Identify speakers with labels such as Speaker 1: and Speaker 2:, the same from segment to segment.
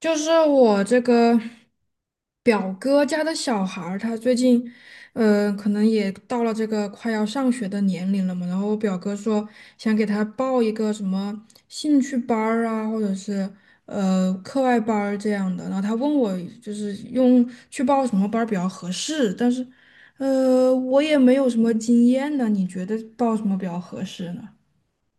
Speaker 1: 就是我这个表哥家的小孩儿，他最近，可能也到了这个快要上学的年龄了嘛。然后我表哥说想给他报一个什么兴趣班儿啊，或者是课外班儿这样的。然后他问我就是用去报什么班儿比较合适，但是，我也没有什么经验呢。你觉得报什么比较合适呢？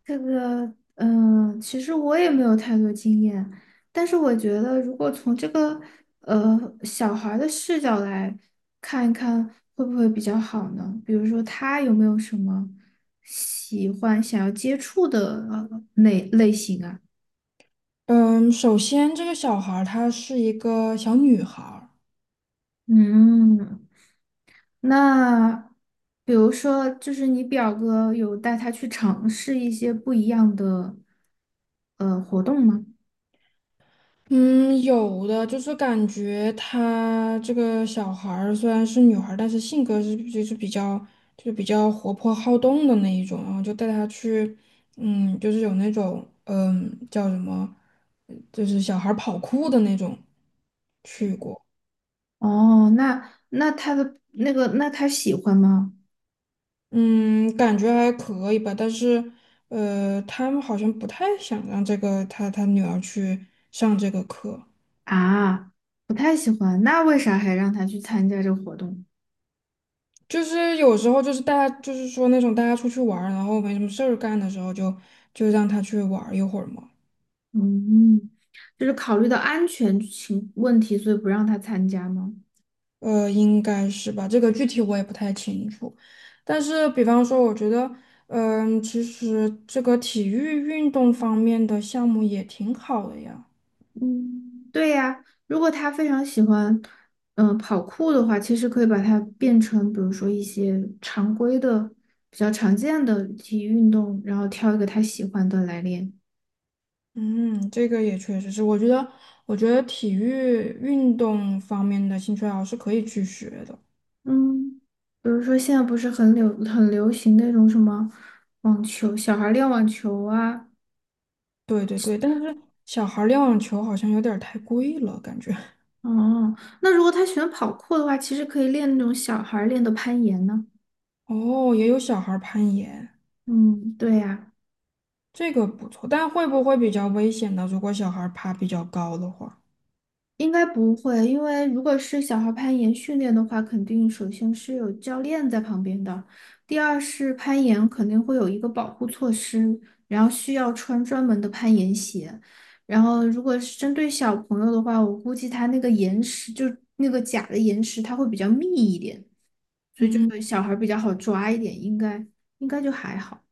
Speaker 2: 这个，嗯，其实我也没有太多经验，但是我觉得，如果从这个小孩儿的视角来看一看，会不会比较好呢？比如说，他有没有什么喜欢、想要接触的类型啊？
Speaker 1: 嗯，首先这个小孩儿她是一个小女孩儿。
Speaker 2: 嗯，那比如说，就是你表哥有带他去尝试一些不一样的活动吗？
Speaker 1: 嗯，有的，就是感觉她这个小孩儿虽然是女孩儿，但是性格是就是比较就是比较活泼好动的那一种，然后就带她去，就是有那种叫什么，就是小孩儿跑酷的那种去过，
Speaker 2: 哦，那他的那个，那他喜欢吗？
Speaker 1: 嗯，感觉还可以吧，但是他们好像不太想让这个他女儿去上这个课。
Speaker 2: 啊，不太喜欢，那为啥还让他去参加这个活动？
Speaker 1: 就是有时候就是大家就是说那种大家出去玩儿，然后没什么事儿干的时候就让他去玩儿一会儿嘛。
Speaker 2: 嗯，就是考虑到安全情问题，所以不让他参加吗？
Speaker 1: 应该是吧，这个具体我也不太清楚。但是比方说，我觉得，其实这个体育运动方面的项目也挺好的呀。
Speaker 2: 嗯，对呀，如果他非常喜欢，嗯、跑酷的话，其实可以把它变成，比如说一些常规的、比较常见的体育运动，然后挑一个他喜欢的来练。
Speaker 1: 嗯，这个也确实是，我觉得体育运动方面的兴趣爱好是可以去学的。
Speaker 2: 嗯，比如说现在不是很流行那种什么网球，小孩儿练网球啊。
Speaker 1: 对对对，但是小孩儿练网球好像有点儿太贵了，感觉。
Speaker 2: 哦，那如果他喜欢跑酷的话，其实可以练那种小孩儿练的攀岩呢。
Speaker 1: 哦，也有小孩儿攀岩，
Speaker 2: 嗯，对呀、
Speaker 1: 这个不错，但会不会比较危险呢？如果小孩儿爬比较高的话，
Speaker 2: 应该不会，因为如果是小孩攀岩训练的话，肯定首先是有教练在旁边的，第二是攀岩肯定会有一个保护措施，然后需要穿专门的攀岩鞋。然后如果是针对小朋友的话，我估计他那个岩石就那个假的岩石，它会比较密一点，所以这
Speaker 1: 嗯
Speaker 2: 个小孩比较好抓一点，应该就还好。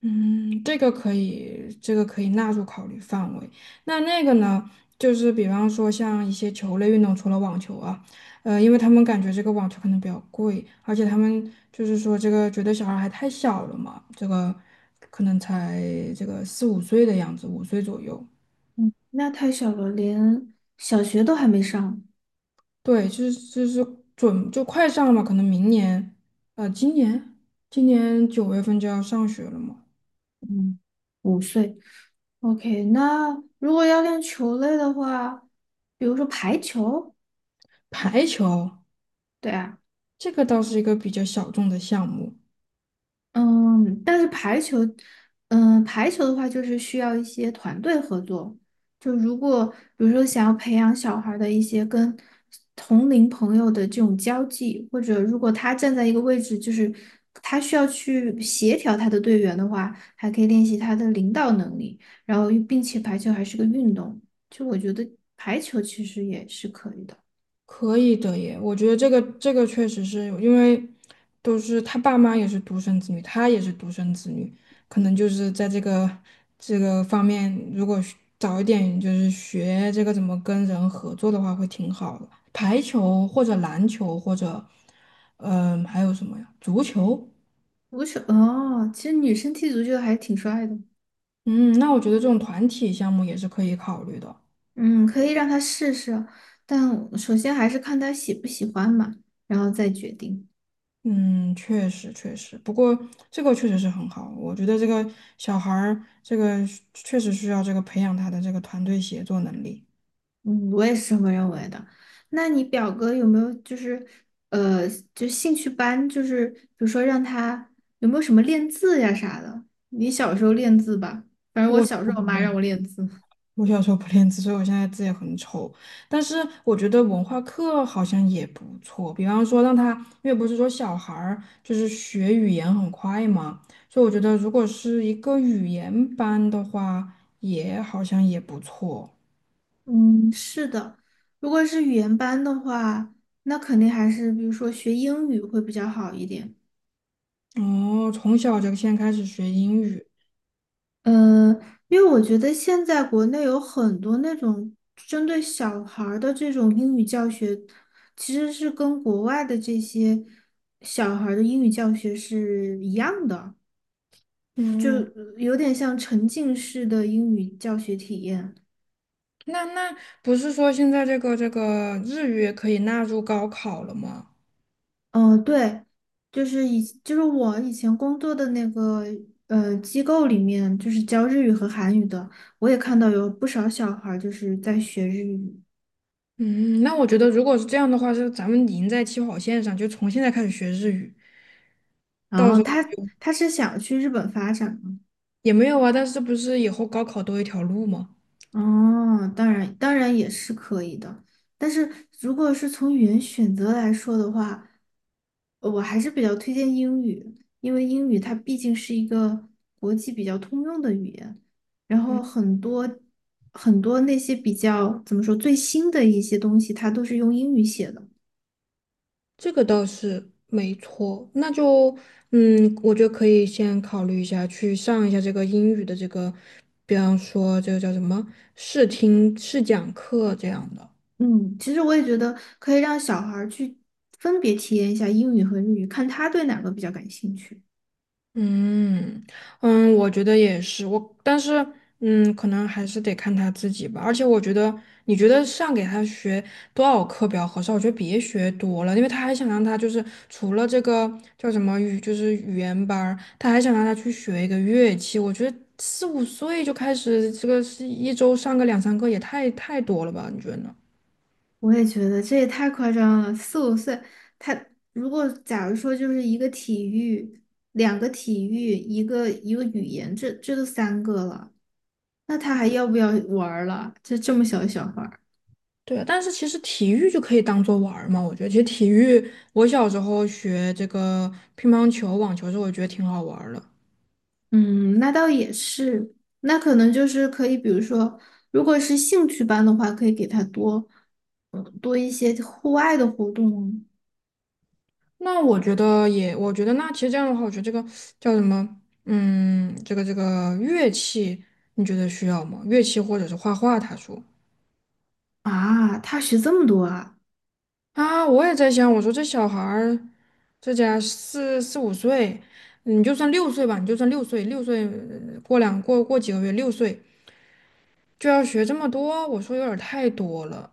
Speaker 1: 嗯，这个可以，这个可以纳入考虑范围。那个呢，就是比方说像一些球类运动，除了网球啊，因为他们感觉这个网球可能比较贵，而且他们就是说这个觉得小孩还太小了嘛，这个可能才这个四五岁的样子，五岁左右。
Speaker 2: 嗯，那太小了，连小学都还没上。
Speaker 1: 对，就是就快上了嘛，可能明年，今年9月份就要上学了嘛。
Speaker 2: 嗯。五岁。OK,那如果要练球类的话，比如说排球，
Speaker 1: 排球
Speaker 2: 对啊，
Speaker 1: 这个倒是一个比较小众的项目，
Speaker 2: 嗯，但是排球，嗯，排球的话就是需要一些团队合作。就如果比如说想要培养小孩儿的一些跟同龄朋友的这种交际，或者如果他站在一个位置，就是他需要去协调他的队员的话，还可以练习他的领导能力，然后并且排球还是个运动，就我觉得排球其实也是可以的。
Speaker 1: 可以的耶，我觉得这个确实是因为都是他爸妈也是独生子女，他也是独生子女，可能就是在这个方面，如果学早一点就是学这个怎么跟人合作的话，会挺好的。排球或者篮球或者，还有什么呀？足球。
Speaker 2: 足球哦，其实女生踢足球还挺帅的，
Speaker 1: 嗯，那我觉得这种团体项目也是可以考虑的。
Speaker 2: 嗯，可以让他试试，但首先还是看他喜不喜欢嘛，然后再决定。
Speaker 1: 嗯，确实确实，不过这个确实是很好，我觉得这个小孩儿这个确实需要这个培养他的这个团队协作能力。
Speaker 2: 嗯，我也是这么认为的。那你表哥有没有就是呃，就兴趣班，就是比如说让他有没有什么练字呀啥的？你小时候练字吧，反正我
Speaker 1: 我
Speaker 2: 小时
Speaker 1: 我
Speaker 2: 候我
Speaker 1: 不
Speaker 2: 妈
Speaker 1: 练，
Speaker 2: 让我练字。
Speaker 1: 我小时候不练字，所以我现在字也很丑。但是我觉得文化课好像也不错，比方说让他，因为不是说小孩儿就是学语言很快嘛，所以我觉得如果是一个语言班的话，也好像也不错。
Speaker 2: 嗯，是的，如果是语言班的话，那肯定还是比如说学英语会比较好一点。
Speaker 1: 哦，从小就先开始学英语。
Speaker 2: 嗯，因为我觉得现在国内有很多那种针对小孩儿的这种英语教学，其实是跟国外的这些小孩儿的英语教学是一样的，就
Speaker 1: 嗯，
Speaker 2: 有点像沉浸式的英语教学体验。
Speaker 1: 那不是说现在这个日语也可以纳入高考了吗？
Speaker 2: 嗯、对，就是以就是我以前工作的那个机构里面，就是教日语和韩语的，我也看到有不少小孩儿就是在学日语。
Speaker 1: 嗯，那我觉得如果是这样的话，是咱们赢在起跑线上，就从现在开始学日语，
Speaker 2: 然
Speaker 1: 到
Speaker 2: 后
Speaker 1: 时候
Speaker 2: 他
Speaker 1: 就
Speaker 2: 他是想去日本发展吗？
Speaker 1: 也没有啊。但是不是以后高考多一条路吗？
Speaker 2: 哦，当然也是可以的，但是如果是从语言选择来说的话，我还是比较推荐英语，因为英语它毕竟是一个国际比较通用的语言，然后
Speaker 1: 嗯，
Speaker 2: 很多那些比较怎么说最新的一些东西，它都是用英语写的。
Speaker 1: 这个倒是没错。那就我就可以先考虑一下，去上一下这个英语的这个，比方说这个叫什么试听试讲课这样的。
Speaker 2: 嗯，其实我也觉得可以让小孩儿去分别体验一下英语和日语，看他对哪个比较感兴趣。
Speaker 1: 嗯嗯，我觉得也是，但是可能还是得看他自己吧。而且我觉得，你觉得给他学多少课比较合适？我觉得别学多了，因为他还想让他就是除了这个叫什么语，就是语言班儿，他还想让他去学一个乐器。我觉得四五岁就开始这个是一周上个两三个也太多了吧？你觉得呢？
Speaker 2: 我也觉得这也太夸张了，4、5岁，他如果假如说就是一个体育，两个体育，一个语言，这都3个了，那他还要不要玩儿了？这这么小的小孩儿，
Speaker 1: 对，但是其实体育就可以当做玩儿嘛，我觉得其实体育，我小时候学这个乒乓球、网球的时候我觉得挺好玩儿的。
Speaker 2: 嗯，那倒也是，那可能就是可以，比如说，如果是兴趣班的话，可以给他多，嗯多一些户外的活动
Speaker 1: 那我觉得也，我觉得那其实这样的话，我觉得这个叫什么，这个乐器，你觉得需要吗？乐器或者是画画？他说
Speaker 2: 啊。他学这么多啊？
Speaker 1: 啊，我也在想，我说这小孩儿，这家四五岁，你就算六岁吧，你就算六岁，六岁呃过两过过几个月，六岁就要学这么多，我说有点儿太多了。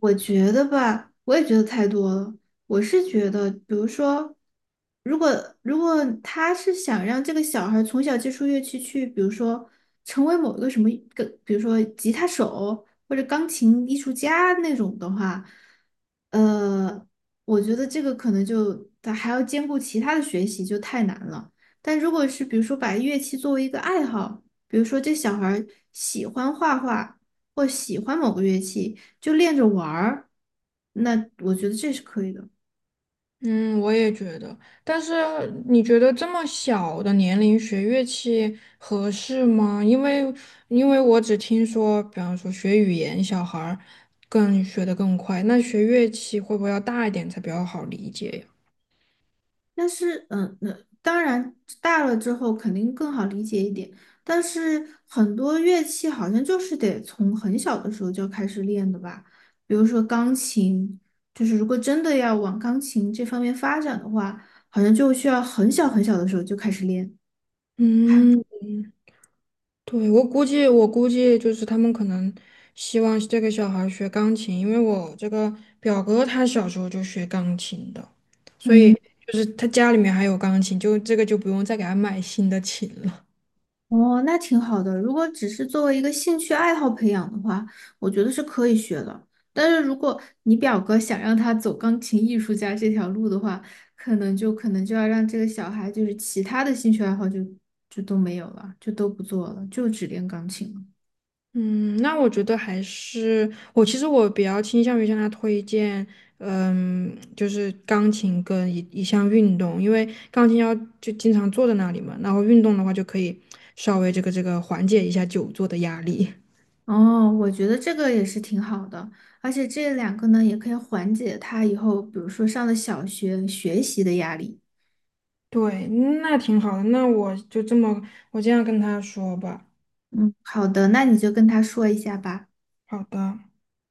Speaker 2: 我觉得吧，我也觉得太多了。我是觉得，比如说，如果如果他是想让这个小孩儿从小接触乐器去，比如说成为某一个什么个，比如说吉他手或者钢琴艺术家那种的话，呃，我觉得这个可能就他还要兼顾其他的学习，就太难了。但如果是比如说把乐器作为一个爱好，比如说这小孩儿喜欢画画或喜欢某个乐器。就练着玩儿，那我觉得这是可以的。
Speaker 1: 嗯，我也觉得。但是你觉得这么小的年龄学乐器合适吗？因为我只听说，比方说学语言，小孩儿更学得更快，那学乐器会不会要大一点才比较好理解呀？
Speaker 2: 但是，嗯，那当然大了之后肯定更好理解一点。但是很多乐器好像就是得从很小的时候就开始练的吧，比如说钢琴，就是如果真的要往钢琴这方面发展的话，好像就需要很小的时候就开始练。还，
Speaker 1: 嗯，对，我估计就是他们可能希望这个小孩儿学钢琴，因为我这个表哥他小时候就学钢琴的，所以
Speaker 2: 嗯。
Speaker 1: 就是他家里面还有钢琴，就这个就不用再给他买新的琴了。
Speaker 2: 哦，那挺好的。如果只是作为一个兴趣爱好培养的话，我觉得是可以学的。但是如果你表哥想让他走钢琴艺术家这条路的话，可能就要让这个小孩就是其他的兴趣爱好就都没有了，就都不做了，就只练钢琴了。
Speaker 1: 嗯，那我觉得还是我其实我比较倾向于向他推荐，就是钢琴跟一项运动，因为钢琴要就经常坐在那里嘛，然后运动的话就可以稍微这个缓解一下久坐的压力。
Speaker 2: 哦，我觉得这个也是挺好的，而且这两个呢也可以缓解他以后，比如说上了小学学习的压力。
Speaker 1: 对，那挺好的，那我就这么我这样跟他说吧。
Speaker 2: 嗯，好的，那你就跟他说一下吧。
Speaker 1: 好的。